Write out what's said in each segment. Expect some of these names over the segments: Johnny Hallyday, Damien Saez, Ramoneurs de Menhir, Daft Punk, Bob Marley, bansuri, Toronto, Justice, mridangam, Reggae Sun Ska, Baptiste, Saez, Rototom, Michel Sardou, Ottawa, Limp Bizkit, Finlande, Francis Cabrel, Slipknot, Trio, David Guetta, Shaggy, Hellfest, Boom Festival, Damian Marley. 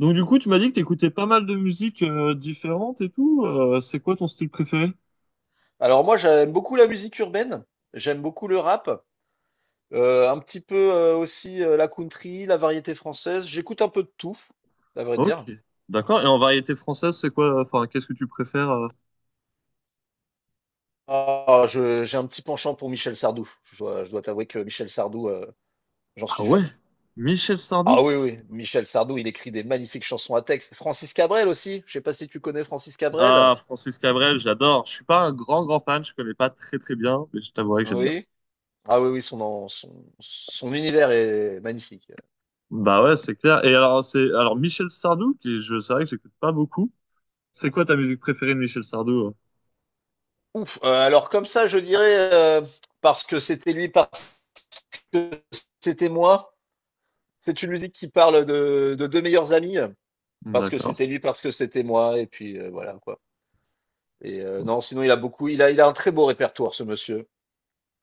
Donc du coup, tu m'as dit que t'écoutais pas mal de musiques différentes et tout. C'est quoi ton style préféré? Alors moi, j'aime beaucoup la musique urbaine, j'aime beaucoup le rap, un petit peu aussi la country, la variété française. J'écoute un peu de tout, à vrai dire. Ok, d'accord. Et en variété française, c'est quoi? Enfin, qu'est-ce que tu préfères? J'ai un petit penchant pour Michel Sardou. Je dois t'avouer que Michel Sardou, j'en Ah suis ouais, fan. Michel Sardou. Ah oui, oui, Michel Sardou, il écrit des magnifiques chansons à texte. Francis Cabrel aussi. Je sais pas si tu connais Francis Ah, Cabrel. Francis Cabrel, j'adore. Je suis pas un grand grand fan, je connais pas très très bien, mais je t'avouerai que j'aime bien. Oui. Ah oui, oui, son univers est magnifique. Bah ouais, c'est clair. Et alors Michel Sardou, qui je c'est vrai que j'écoute pas beaucoup. C'est quoi ta musique préférée de Michel Sardou? Ouf. Alors comme ça, je dirais, parce que c'était lui c'était moi. C'est une musique qui parle de deux meilleurs amis, parce que D'accord. c'était lui, parce que c'était moi, et puis voilà quoi. Et non, sinon il a un très beau répertoire, ce monsieur,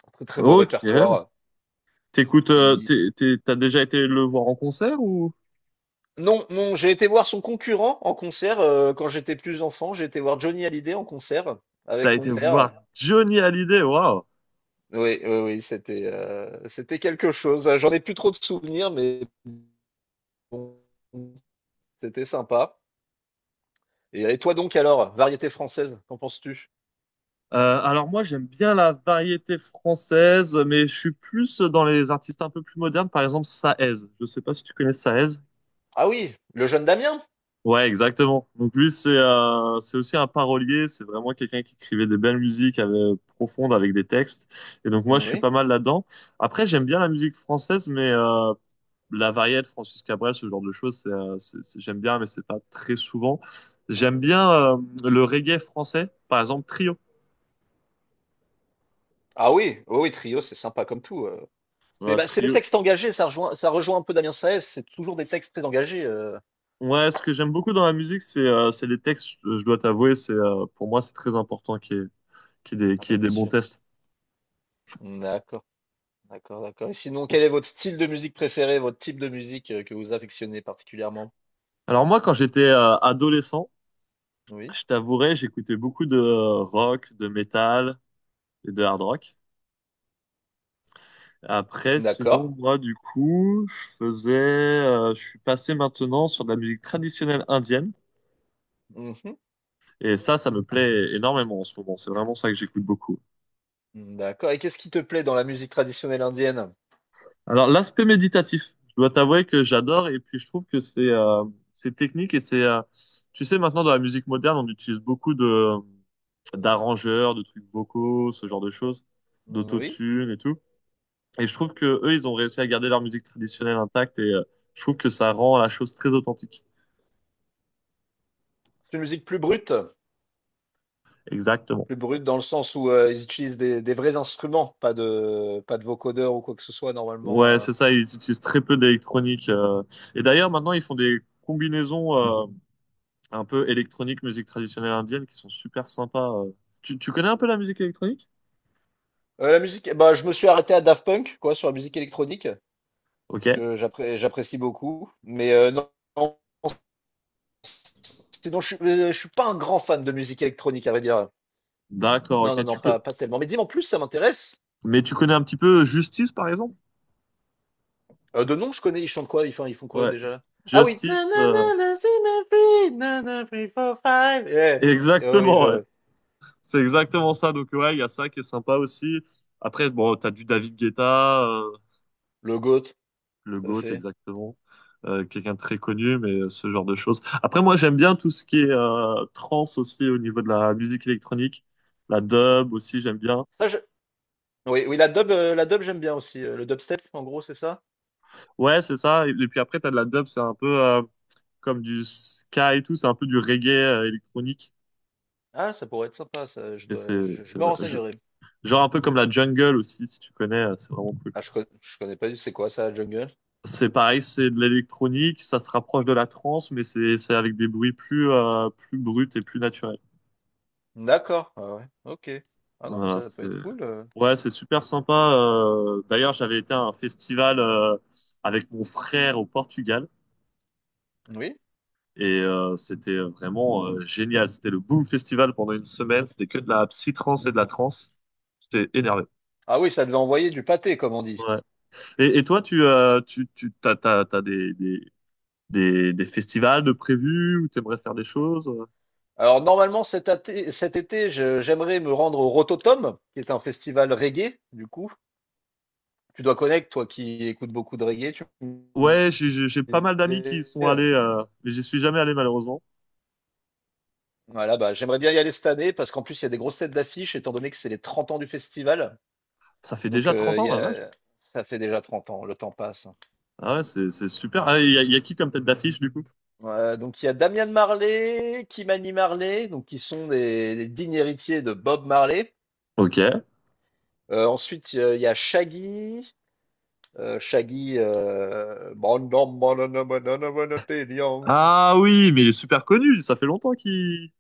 un très très beau Ok. répertoire. T'écoutes, Il- t'as déjà été le voir en concert ou? Non, non, j'ai été voir son concurrent en concert quand j'étais plus enfant. J'ai été voir Johnny Hallyday en concert T'as avec mon été père. voir Johnny Hallyday, waouh! Oui, oui, oui, c'était quelque chose. J'en ai plus trop de souvenirs, mais bon, c'était sympa. Et toi donc alors, variété française, qu'en penses-tu? Alors moi j'aime bien la variété française, mais je suis plus dans les artistes un peu plus modernes, par exemple Saez. Je sais pas si tu connais Saez. Ah oui, le jeune Damien? Ouais, exactement. Donc lui c'est aussi un parolier, c'est vraiment quelqu'un qui écrivait des belles musiques profondes avec des textes. Et donc moi Mmh, je suis oui. pas mal là-dedans. Après j'aime bien la musique française, mais la variété Francis Cabrel, ce genre de choses, j'aime bien, mais c'est pas très souvent. J'aime bien le reggae français, par exemple Trio. Ah oui, oui, oui, Trio, c'est sympa comme tout. C'est Voilà, c'est des trio. textes engagés, ça rejoint un peu Damien Saez, c'est toujours des textes très engagés. Ouais, ce que j'aime beaucoup dans la musique, c'est les textes, je dois t'avouer, c'est pour moi c'est très important Ah qu'il y bah ait bien des bons sûr. textes. D'accord, d'accord, d'accord. Et sinon, quel est votre style de musique préféré, votre type de musique que vous affectionnez particulièrement? Alors moi, quand j'étais adolescent, Oui. je t'avouerais, j'écoutais beaucoup de rock, de métal et de hard rock. Après, D'accord. sinon, moi, du coup, je suis passé maintenant sur de la musique traditionnelle indienne. Mhm. Et ça me plaît énormément en ce moment. C'est vraiment ça que j'écoute beaucoup. D'accord. Et qu'est-ce qui te plaît dans la musique traditionnelle indienne? Alors, l'aspect méditatif, je dois t'avouer que j'adore et puis je trouve que c'est technique et c'est tu sais maintenant dans la musique moderne, on utilise beaucoup de d'arrangeurs, de trucs vocaux, ce genre de choses, Mmh, oui. d'autotune et tout. Et je trouve que eux, ils ont réussi à garder leur musique traditionnelle intacte et je trouve que ça rend la chose très authentique. C'est une musique Exactement. plus brute dans le sens où ils utilisent des vrais instruments, pas de vocodeurs ou quoi que ce soit normalement. Ouais, c'est ça, ils utilisent très peu d'électronique. Et d'ailleurs, maintenant, ils font des combinaisons un peu électronique, musique traditionnelle indienne qui sont super sympas. Tu connais un peu la musique électronique? La musique, bah, je me suis arrêté à Daft Punk, quoi, sur la musique électronique, Ok, que j'apprécie beaucoup. Mais non, non, sinon, je suis pas un grand fan de musique électronique, à vrai dire. d'accord, Non, non, ok. non, pas, pas tellement. Mais dis-moi en plus, ça m'intéresse. Mais tu connais un petit peu Justice, par exemple? De nom, je connais, ils chantent quoi? Ils font quoi Ouais, déjà? Ah oui! Justice, Na, na, na, na, na, free, four, five. Eh oui, exactement, ouais. je... C'est exactement ça. Donc, ouais, il y a ça qui est sympa aussi. Après, bon, t'as du David Guetta, Le GOAT, le tout à GOAT, fait. exactement. Quelqu'un de très connu, mais ce genre de choses. Après, moi, j'aime bien tout ce qui est trance aussi au niveau de la musique électronique. La dub aussi, j'aime bien. Ça, je... Oui, oui, la dub, j'aime bien aussi. Le dubstep, en gros, c'est ça? Ouais, c'est ça. Et puis après, t'as de la dub, c'est un peu comme du ska et tout, c'est un peu du reggae électronique. Ah, ça pourrait être sympa, ça. Et c'est Je c'est me vrai. Renseignerai. Genre un peu comme la jungle aussi, si tu connais, c'est vraiment cool. Je connais pas du c'est quoi ça, la jungle? C'est pareil, c'est de l'électronique, ça se rapproche de la trance, mais c'est avec des bruits plus bruts et plus naturels. D'accord, ah ouais, ok. Ah non, mais Voilà, ça peut être cool. C'est super sympa. D'ailleurs, j'avais été à un festival avec mon frère au Portugal Oui. et c'était vraiment génial. C'était le Boom Festival pendant une semaine. C'était que de la psy-trance et de la trance. C'était énervé. Ah oui, ça devait envoyer du pâté, comme on dit. Ouais. Et toi, tu, tu, tu t'as, t'as, t'as des festivals de prévus où tu aimerais faire des choses? Alors normalement, cet été, j'aimerais me rendre au Rototom, qui est un festival reggae, du coup. Tu dois connaître, toi qui écoutes beaucoup de reggae, tu me Ouais, j'ai pas mal d'amis qui y disais, sont allés, mais j'y suis jamais allé malheureusement. voilà, bah, j'aimerais bien y aller cette année, parce qu'en plus, il y a des grosses têtes d'affiche, étant donné que c'est les 30 ans du festival. Ça fait Donc, déjà trente il y ans, la vache. a... ça fait déjà 30 ans, le temps passe, hein. Ah ouais, c'est super. Ah, il y a qui comme tête d'affiche du coup? Donc il y a Damian Marley, Kimani Marley, donc qui sont des dignes héritiers de Bob Marley. Ok. Ensuite il y a Shaggy, euh, Shaggy, euh, Ah oui, mais il est super connu. Ça fait longtemps qu'il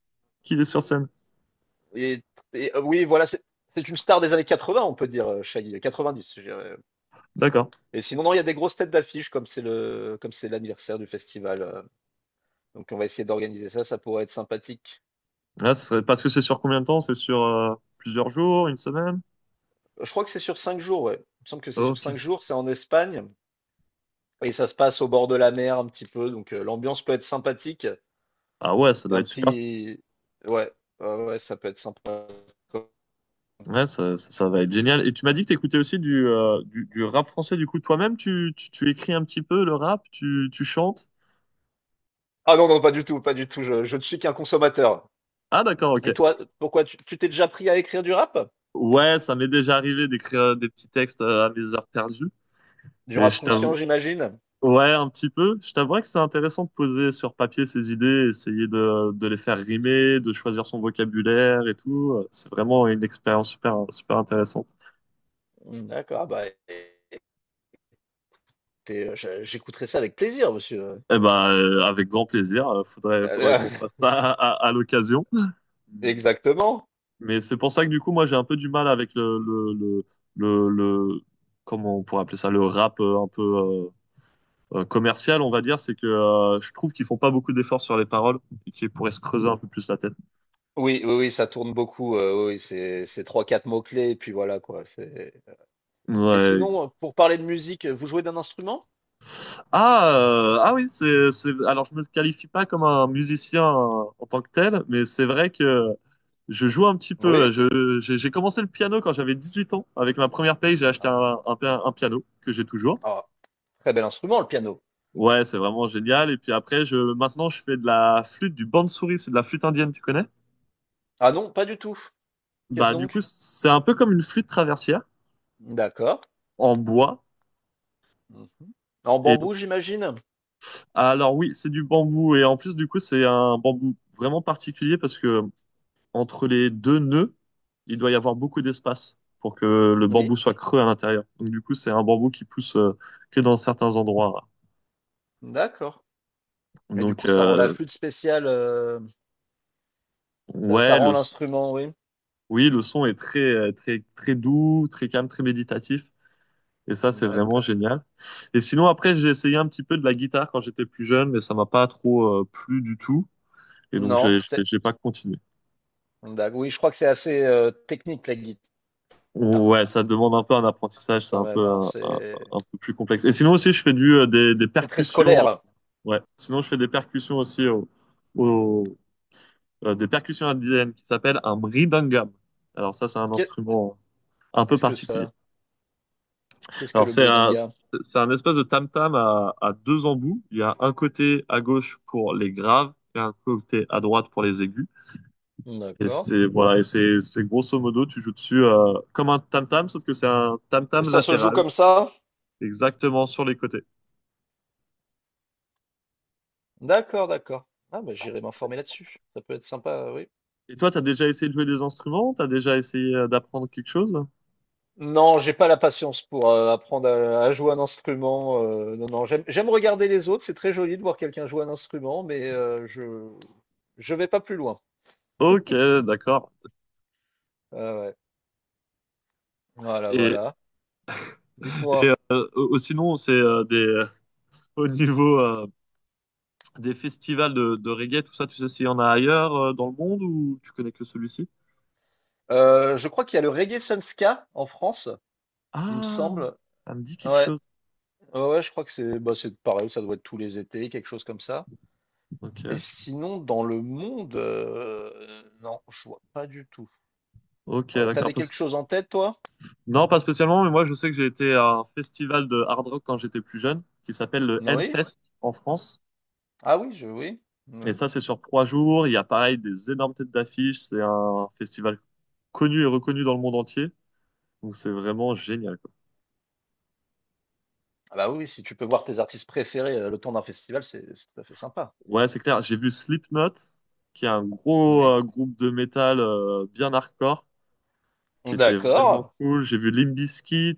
qu'il est sur scène. et, oui voilà c'est une star des années 80 on peut dire Shaggy, 90 je dirais. D'accord. Et sinon non il y a des grosses têtes d'affiche comme c'est le comme c'est l'anniversaire du festival, donc on va essayer d'organiser ça, ça pourrait être sympathique. Parce que c'est sur combien de temps? C'est sur plusieurs jours, une semaine? Je crois que c'est sur 5 jours, ouais. Il me semble que c'est sur cinq Ok. jours, c'est en Espagne. Et ça se passe au bord de la mer un petit peu, donc l'ambiance peut être sympathique. Ah ouais, ça Il y a doit un être super. petit... Ouais, ouais, ouais, ça peut être sympa. Ouais, ça va être génial. Et tu m'as dit que t'écoutais aussi du rap français. Du coup, toi-même, tu écris un petit peu le rap, tu chantes. Ah non, non, pas du tout, pas du tout. Je ne suis qu'un consommateur. Ah, d'accord, Et ok. toi, pourquoi tu t'es déjà pris à écrire du rap? Ouais, ça m'est déjà arrivé d'écrire des petits textes à mes heures perdues. Du Et rap je Ouais. conscient, t'avoue, j'imagine? ouais, un petit peu. Je t'avouerais que c'est intéressant de poser sur papier ses idées, essayer de les faire rimer, de choisir son vocabulaire et tout. C'est vraiment une expérience super, super intéressante. Hmm, d'accord, bah écoutez, j'écouterai ça avec plaisir, monsieur. Eh ben, avec grand plaisir. Faudrait Euh, qu'on fasse ça à l'occasion. Exactement. Mais c'est pour ça que du coup, moi, j'ai un peu du mal avec le, le- comment on pourrait appeler ça, le rap un peu commercial, on va dire. C'est que je trouve qu'ils font pas beaucoup d'efforts sur les paroles et qu'ils pourraient se creuser un peu plus la tête. Oui, oui, oui, ça tourne beaucoup. Oui, oui, c'est trois, quatre mots-clés, et puis voilà quoi. Et Ouais. ex- sinon, pour parler de musique, vous jouez d'un instrument? Ah, oui, alors je me qualifie pas comme un musicien en tant que tel, mais c'est vrai que je joue un petit peu. Oui. Je, j'ai commencé le piano quand j'avais 18 ans. Avec ma première paye, j'ai acheté un piano que j'ai toujours. Ah, très bel instrument, le piano. Ouais, c'est vraiment génial. Et puis après, je fais de la flûte, du bansuri, c'est de la flûte indienne, tu connais? Ah non, pas du tout. Qu'est-ce Bah, du coup, donc? c'est un peu comme une flûte traversière D'accord. en bois. Mhm. En Et bambou, j'imagine? alors, oui, c'est du bambou. Et en plus, du coup, c'est un bambou vraiment particulier parce que entre les deux nœuds, il doit y avoir beaucoup d'espace pour que le bambou Oui, soit creux à l'intérieur. Donc, du coup, c'est un bambou qui pousse que dans certains endroits. d'accord. Et du Donc, coup, ça rend la euh, flûte spéciale, ça, ça ouais, rend le, l'instrument, oui. oui, le son est très, très doux, très calme, très méditatif. Et ça, c'est vraiment D'accord. génial. Et sinon, après, j'ai essayé un petit peu de la guitare quand j'étais plus jeune, mais ça m'a pas trop plu du tout. Et donc, Non, c'est... j'ai pas continué. Oui, je crois que c'est assez technique, la guitare, Ouais, ça demande un peu un apprentissage, c'est quand même, hein. Un peu plus complexe. Et sinon aussi, je fais du des C'est très percussions. Scolaire. Ouais, sinon je fais des percussions aussi au- des percussions indiennes qui s'appellent un mridangam. Alors ça, c'est un Qu'est- instrument un peu Qu'est-ce que particulier. ça? Qu'est-ce que Alors, le bridanga? c'est un espèce de tam-tam à deux embouts. Il y a un côté à gauche pour les graves et un côté à droite pour les aigus. Et D'accord. c'est, voilà, et C'est grosso modo, tu joues dessus comme un tam-tam, sauf que c'est un Et tam-tam ça se joue latéral, comme ça? exactement sur les côtés. D'accord, d'accord. Ah, bah, j'irai m'informer là-dessus. Ça peut être sympa, oui. Et toi, t'as déjà essayé de jouer des instruments? T'as déjà essayé d'apprendre quelque chose? Non, j'ai pas la patience pour apprendre à jouer un instrument. Non, non, j'aime, j'aime regarder les autres. C'est très joli de voir quelqu'un jouer un instrument, mais je vais pas plus loin. Ok, d'accord. Ah ouais. Voilà, Et voilà. Dites-moi. Sinon, au niveau des festivals de reggae, tout ça, tu sais s'il y en a ailleurs dans le monde ou tu connais que celui-ci? Je crois qu'il y a le Reggae Sun Ska en France, il me Ah, semble. ça me dit quelque Ouais, chose. ouais, ouais, je crois que c'est bah, c'est pareil. Ça doit être tous les étés, quelque chose comme ça. Ok, Et sinon, dans le monde, non, je vois pas du tout. ok, d'accord. T'avais quelque chose en tête, toi? Non, pas spécialement, mais moi je sais que j'ai été à un festival de hard rock quand j'étais plus jeune, qui s'appelle le Oui? Hellfest en France. Ah oui, je oui. Et Oui. ça, c'est sur 3 jours. Il y a pareil des énormes têtes d'affiche. C'est un festival connu et reconnu dans le monde entier. Donc c'est vraiment génial, quoi. Ah bah oui, si tu peux voir tes artistes préférés le temps d'un festival, c'est tout à fait sympa. Ouais, c'est clair. J'ai vu Slipknot, qui est un gros Oui. Groupe de métal bien hardcore, qui était vraiment D'accord. cool. J'ai vu Limp Bizkit.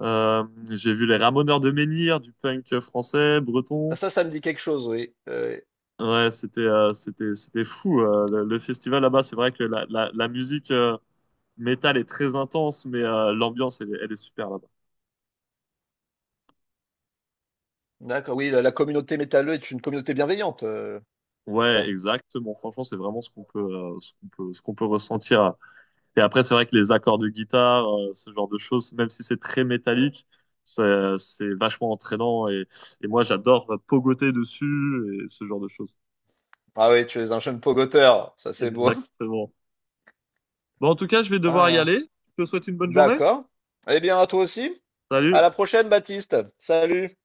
Euh, j'ai vu les Ramoneurs de Menhir, du punk français, Ah, breton. ça me dit quelque chose, oui. Ouais, c'était fou. Le festival là-bas, c'est vrai que la musique métal est très intense, mais l'ambiance elle est super là-bas. D'accord, oui, la communauté métalleux est une communauté bienveillante, c'est Ouais, ça. exactement. Franchement, c'est vraiment ce qu'on peut ressentir. Et après, c'est vrai que les accords de guitare, ce genre de choses, même si c'est très métallique, c'est vachement entraînant. Et moi, j'adore pogoter dessus et ce genre de choses. Ah oui, tu es un jeune pogoteur, ça c'est beau. Exactement. Bon, en tout cas, je vais devoir y Ah, aller. Je te souhaite une bonne journée. d'accord. Eh bien, à toi aussi. À Salut. la prochaine, Baptiste. Salut.